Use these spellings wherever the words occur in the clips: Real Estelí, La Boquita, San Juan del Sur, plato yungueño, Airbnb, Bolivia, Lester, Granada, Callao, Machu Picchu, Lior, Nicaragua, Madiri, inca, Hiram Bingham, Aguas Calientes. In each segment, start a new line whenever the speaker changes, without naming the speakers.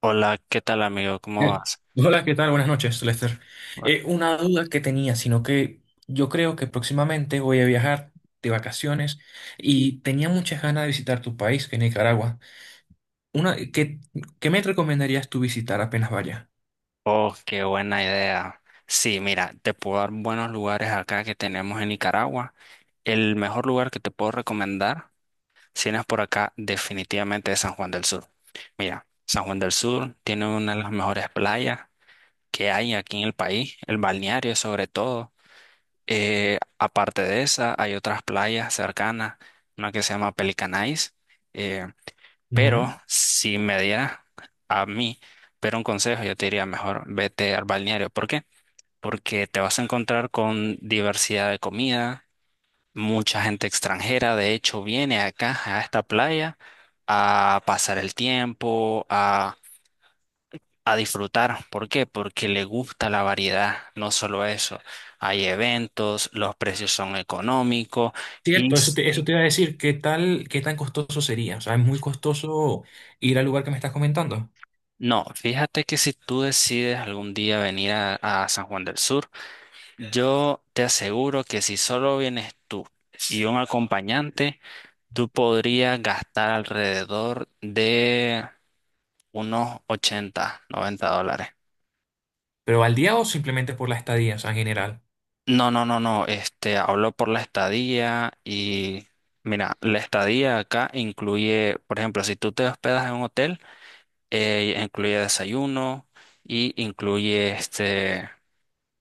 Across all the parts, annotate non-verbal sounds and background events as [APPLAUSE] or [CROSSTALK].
Hola, ¿qué tal amigo? ¿Cómo
Eh,
vas?
Hola, ¿qué tal? Buenas noches, Lester.
Bueno.
Una duda que tenía, sino que yo creo que próximamente voy a viajar de vacaciones y tenía muchas ganas de visitar tu país, que es Nicaragua. Una, ¿qué me recomendarías tú visitar apenas vaya?
Oh, qué buena idea. Sí, mira, te puedo dar buenos lugares acá que tenemos en Nicaragua. El mejor lugar que te puedo recomendar, si vienes por acá, definitivamente es San Juan del Sur. Mira, San Juan del Sur tiene una de las mejores playas que hay aquí en el país, el balneario sobre todo. Aparte de esa, hay otras playas cercanas, una que se llama Pelicanais. eh,
Ujú.
Pero si me diera a mí, pero un consejo, yo te diría mejor vete al balneario. ¿Por qué? Porque te vas a encontrar con diversidad de comida, mucha gente extranjera, de hecho, viene acá a esta playa a pasar el tiempo, a disfrutar. ¿Por qué? Porque le gusta la variedad, no solo eso. Hay eventos, los precios son económicos y
Cierto,
s-
eso te iba a decir, ¿qué tan costoso sería? O sea, es muy costoso ir al lugar que me estás comentando,
no, fíjate que si tú decides algún día venir a San Juan del Sur, yo te aseguro que si solo vienes tú y un acompañante, tú podrías gastar alrededor de unos 80, $90.
pero al día o simplemente por la estadía, o sea, en general.
No, no, no, no, hablo por la estadía y mira, la estadía acá incluye, por ejemplo, si tú te hospedas en un hotel, incluye desayuno y incluye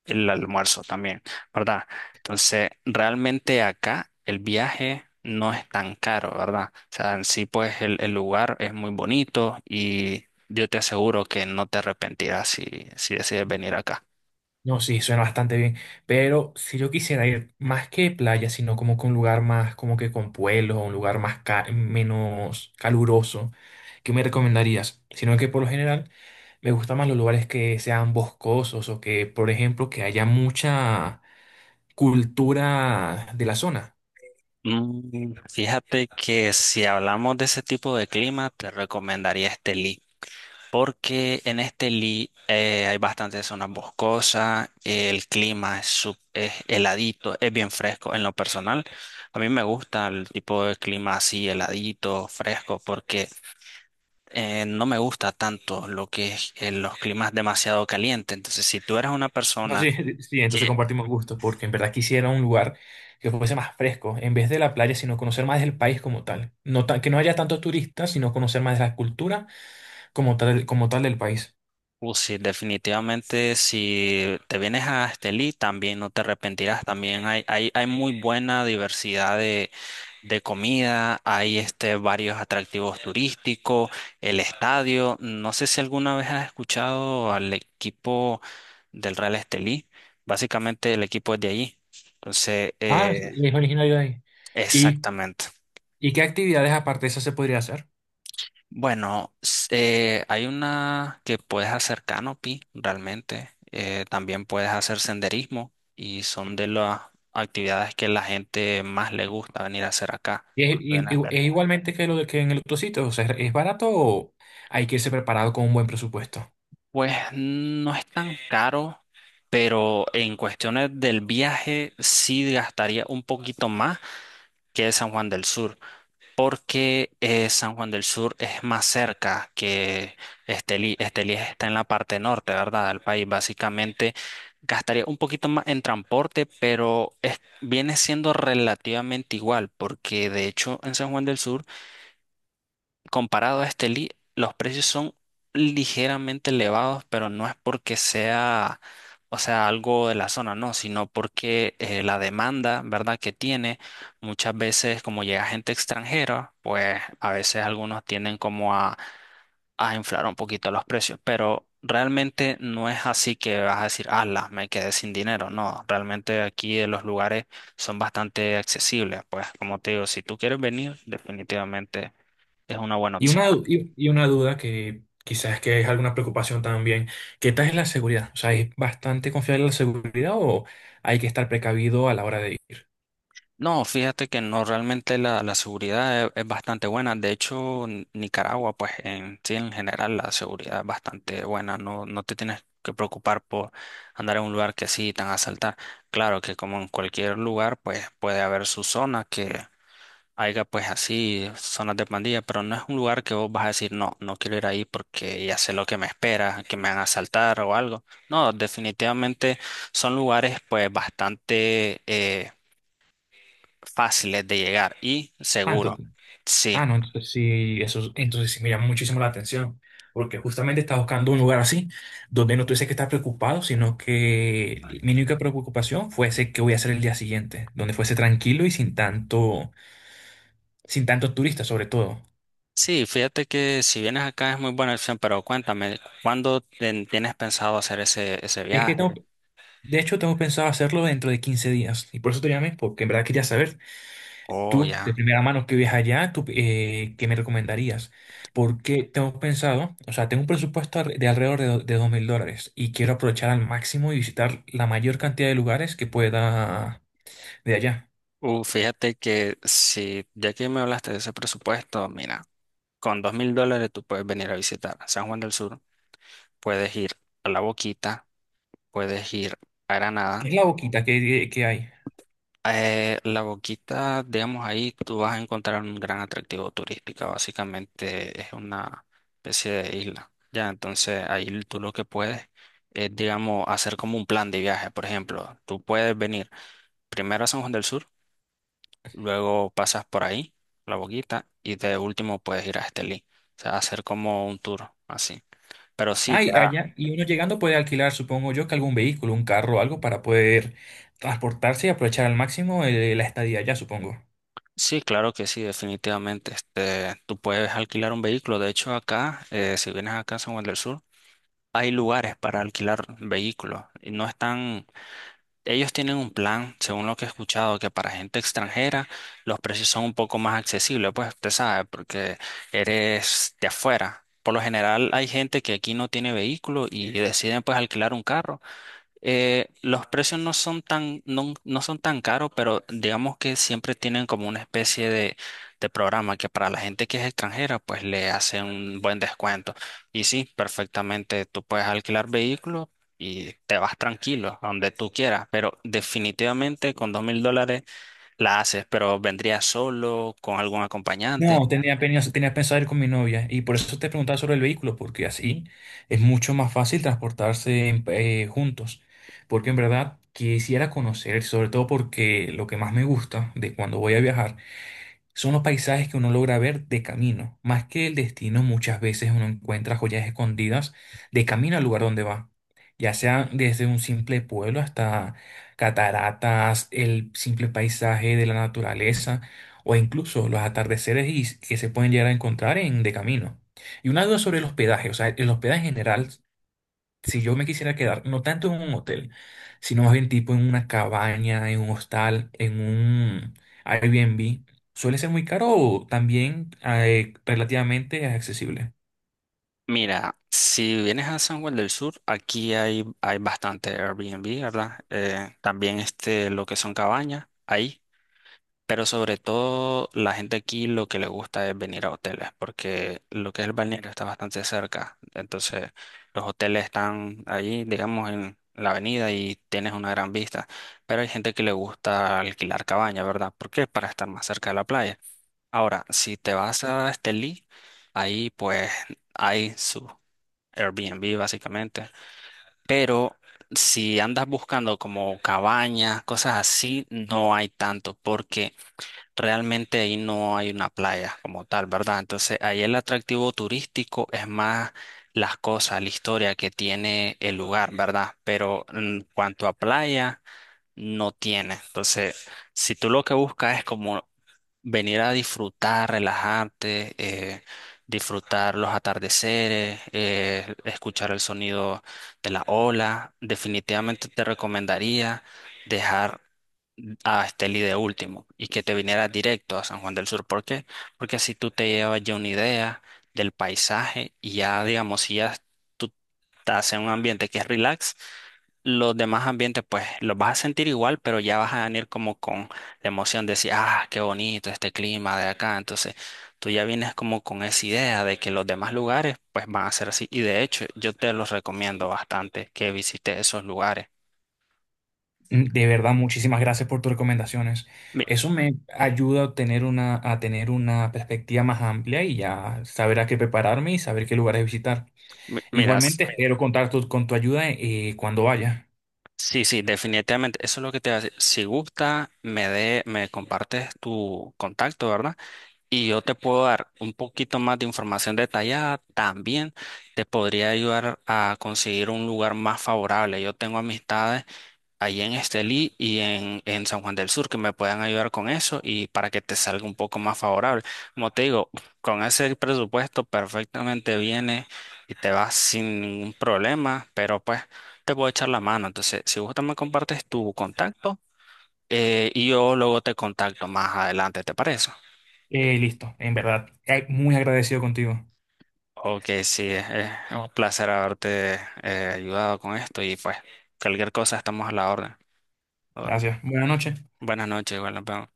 el almuerzo también, ¿verdad? Entonces, realmente acá el viaje no es tan caro, ¿verdad? O sea, en sí, pues el lugar es muy bonito y yo te aseguro que no te arrepentirás si decides venir acá.
No, sí, suena bastante bien. Pero si yo quisiera ir más que playa, sino como que un lugar más, como que con pueblos, o un lugar más menos caluroso, ¿qué me recomendarías? Sino que por lo general me gustan más los lugares que sean boscosos o que, por ejemplo, que haya mucha cultura de la zona.
Mm, fíjate que si hablamos de ese tipo de clima, te recomendaría este. Porque en este Lee hay bastantes zonas boscosas, el clima es heladito, es bien fresco. En lo personal, a mí me gusta el tipo de clima así, heladito, fresco, porque no me gusta tanto lo que es los climas demasiado calientes. Entonces, si tú eres una
No,
persona.
sí, [LAUGHS] sí, entonces
Que
compartimos gustos, porque en verdad quisiera un lugar que fuese más fresco, en vez de la playa, sino conocer más del país como tal. Que no haya tantos turistas, sino conocer más de la cultura como tal del país.
Sí, definitivamente si te vienes a Estelí también no te arrepentirás. También hay, hay muy buena diversidad de comida, hay varios atractivos turísticos, el estadio. No sé si alguna vez has escuchado al equipo del Real Estelí, básicamente el equipo es de allí. Entonces,
Ah, sí, es originario de ahí. ¿Y,
exactamente.
¿Y qué actividades aparte de esas se podría hacer?
Bueno, hay una que puedes hacer canopy realmente. También puedes hacer senderismo y son de las actividades que la gente más le gusta venir a hacer acá. Cuando viene acá
Es igualmente que lo que en el otro sitio? O sea, ¿es barato o hay que irse preparado con un buen presupuesto?
Pues no es tan caro, pero en cuestiones del viaje sí gastaría un poquito más que San Juan del Sur. Porque San Juan del Sur es más cerca que Estelí. Estelí está en la parte norte, ¿verdad? Del país. Básicamente gastaría un poquito más en transporte, pero viene siendo relativamente igual, porque de hecho en San Juan del Sur comparado a este Lee, los precios son ligeramente elevados, pero no es porque sea, o sea, algo de la zona, no, sino porque la demanda, ¿verdad?, que tiene, muchas veces como llega gente extranjera, pues a veces algunos tienden como a inflar un poquito los precios, pero realmente no es así que vas a decir, ala, me quedé sin dinero, no, realmente aquí en los lugares son bastante accesibles, pues como te digo, si tú quieres venir, definitivamente. Es una buena opción.
Y una duda que quizás que es alguna preocupación también. ¿Qué tal es la seguridad? O sea, ¿es bastante confiable la seguridad o hay que estar precavido a la hora de ir?
No, fíjate que no, realmente la seguridad es bastante buena. De hecho, Nicaragua, pues en sí, en general, la seguridad es bastante buena. No, no te tienes que preocupar por andar en un lugar que sí te van a asaltar. Claro que como en cualquier lugar, pues puede haber su zona que haya pues así, zonas de pandilla, pero no es un lugar que vos vas a decir, no, no quiero ir ahí porque ya sé lo que me espera, que me van a asaltar o algo. No, definitivamente son lugares pues bastante fáciles de llegar y
Ah,
seguro. Sí,
No, entonces sí, eso, entonces sí me llama muchísimo la atención, porque justamente estaba buscando un lugar así, donde no tuviese que estar preocupado, sino que mi única preocupación fuese qué voy a hacer el día siguiente, donde fuese tranquilo y sin tanto, sin tantos turistas sobre todo.
sí, fíjate que si vienes acá es muy buena opción, pero cuéntame, ¿cuándo tienes pensado hacer ese
Es que tengo,
viaje?
de hecho tengo pensado hacerlo dentro de 15 días, y por eso te llamé, porque en verdad quería saber.
Oh,
Tú, de
ya.
primera mano que vives allá, tú, ¿qué me recomendarías? Porque tengo pensado, o sea, tengo un presupuesto de alrededor de, de $2,000 y quiero aprovechar al máximo y visitar la mayor cantidad de lugares que pueda de allá.
Fíjate que si ya que me hablaste de ese presupuesto, mira, con $2000 tú puedes venir a visitar San Juan del Sur, puedes ir a La Boquita, puedes ir a
¿Qué
Granada.
es la boquita que hay?
La Boquita, digamos, ahí tú vas a encontrar un gran atractivo turístico. Básicamente es una especie de isla. Ya, entonces ahí tú lo que puedes es, digamos, hacer como un plan de viaje. Por ejemplo, tú puedes venir primero a San Juan del Sur, luego pasas por ahí, la Boquita, y de último puedes ir a Estelí. O sea, hacer como un tour así. Pero sí,
Hay allá, y uno llegando puede alquilar, supongo yo, que algún vehículo, un carro o algo para poder transportarse y aprovechar al máximo la estadía allá, supongo.
Sí, claro que sí, definitivamente. Tú puedes alquilar un vehículo. De hecho, acá, si vienes acá a San Juan del Sur, hay lugares para alquilar vehículos y no están, ellos tienen un plan, según lo que he escuchado, que para gente extranjera los precios son un poco más accesibles, pues usted sabe, porque eres de afuera. Por lo general hay gente que aquí no tiene vehículo y deciden pues alquilar un carro. Los precios no son tan, no, no son tan caros, pero digamos que siempre tienen como una especie de programa que para la gente que es extranjera, pues le hace un buen descuento. Y sí, perfectamente, tú puedes alquilar vehículos y te vas tranquilo a donde tú quieras, pero definitivamente con $2000 la haces, pero vendría solo, con algún acompañante.
No, tenía pensado ir con mi novia y por eso te preguntaba sobre el vehículo, porque así es mucho más fácil transportarse juntos. Porque en verdad quisiera conocer, sobre todo porque lo que más me gusta de cuando voy a viajar son los paisajes que uno logra ver de camino. Más que el destino, muchas veces uno encuentra joyas escondidas de camino al lugar donde va. Ya sea desde un simple pueblo hasta cataratas, el simple paisaje de la naturaleza o incluso los atardeceres que se pueden llegar a encontrar en de camino. Y una duda sobre el hospedaje, o sea, el hospedaje en general si yo me quisiera quedar, no tanto en un hotel, sino más bien tipo en una cabaña, en un hostal, en un Airbnb, suele ser muy caro o también relativamente accesible.
Mira, si vienes a San Juan del Sur, aquí hay bastante Airbnb, ¿verdad? También lo que son cabañas, ahí. Pero sobre todo la gente aquí lo que le gusta es venir a hoteles, porque lo que es el balneario está bastante cerca. Entonces, los hoteles están ahí, digamos, en la avenida y tienes una gran vista. Pero hay gente que le gusta alquilar cabaña, ¿verdad? ¿Por qué? Para estar más cerca de la playa. Ahora, si te vas a Estelí, ahí pues hay sus Airbnb básicamente. Pero si andas buscando como cabañas, cosas así, no hay tanto porque realmente ahí no hay una playa como tal, ¿verdad? Entonces ahí el atractivo turístico es más las cosas, la historia que tiene el lugar, ¿verdad? Pero en cuanto a playa, no tiene. Entonces, si tú lo que buscas es como venir a disfrutar, relajarte, disfrutar los atardeceres, escuchar el sonido de la ola. Definitivamente te recomendaría dejar a Esteli de último y que te vinieras directo a San Juan del Sur. ¿Por qué? Porque así tú te llevas ya una idea del paisaje y ya, digamos, si ya tú estás en un ambiente que es relax, los demás ambientes pues los vas a sentir igual, pero ya vas a venir como con la emoción de decir, ah, qué bonito este clima de acá. Entonces, tú ya vienes como con esa idea de que los demás lugares pues van a ser así. Y de hecho, yo te los recomiendo bastante que visites esos lugares.
Mm, de verdad, muchísimas gracias por tus recomendaciones.
Mi-
Eso me ayuda a tener una perspectiva más amplia y ya saber a qué prepararme y saber qué lugares visitar.
Miras.
Igualmente, espero contar con tu ayuda cuando vaya.
Sí, sí, definitivamente. Eso es lo que te hace. Si gusta, me compartes tu contacto, ¿verdad? Y yo te puedo dar un poquito más de información detallada. También te podría ayudar a conseguir un lugar más favorable. Yo tengo amistades ahí en Estelí y en San Juan del Sur que me puedan ayudar con eso y para que te salga un poco más favorable. Como te digo, con ese presupuesto perfectamente viene y te vas sin ningún problema, pero pues te puedo echar la mano. Entonces, si gusta me compartes tu contacto y yo luego te contacto más adelante, ¿te parece?
Listo, en verdad, muy agradecido contigo.
Ok, sí, es un placer haberte ayudado con esto y pues cualquier cosa estamos a la orden.
Gracias. Buenas noches.
Buenas noches, igual nos vemos.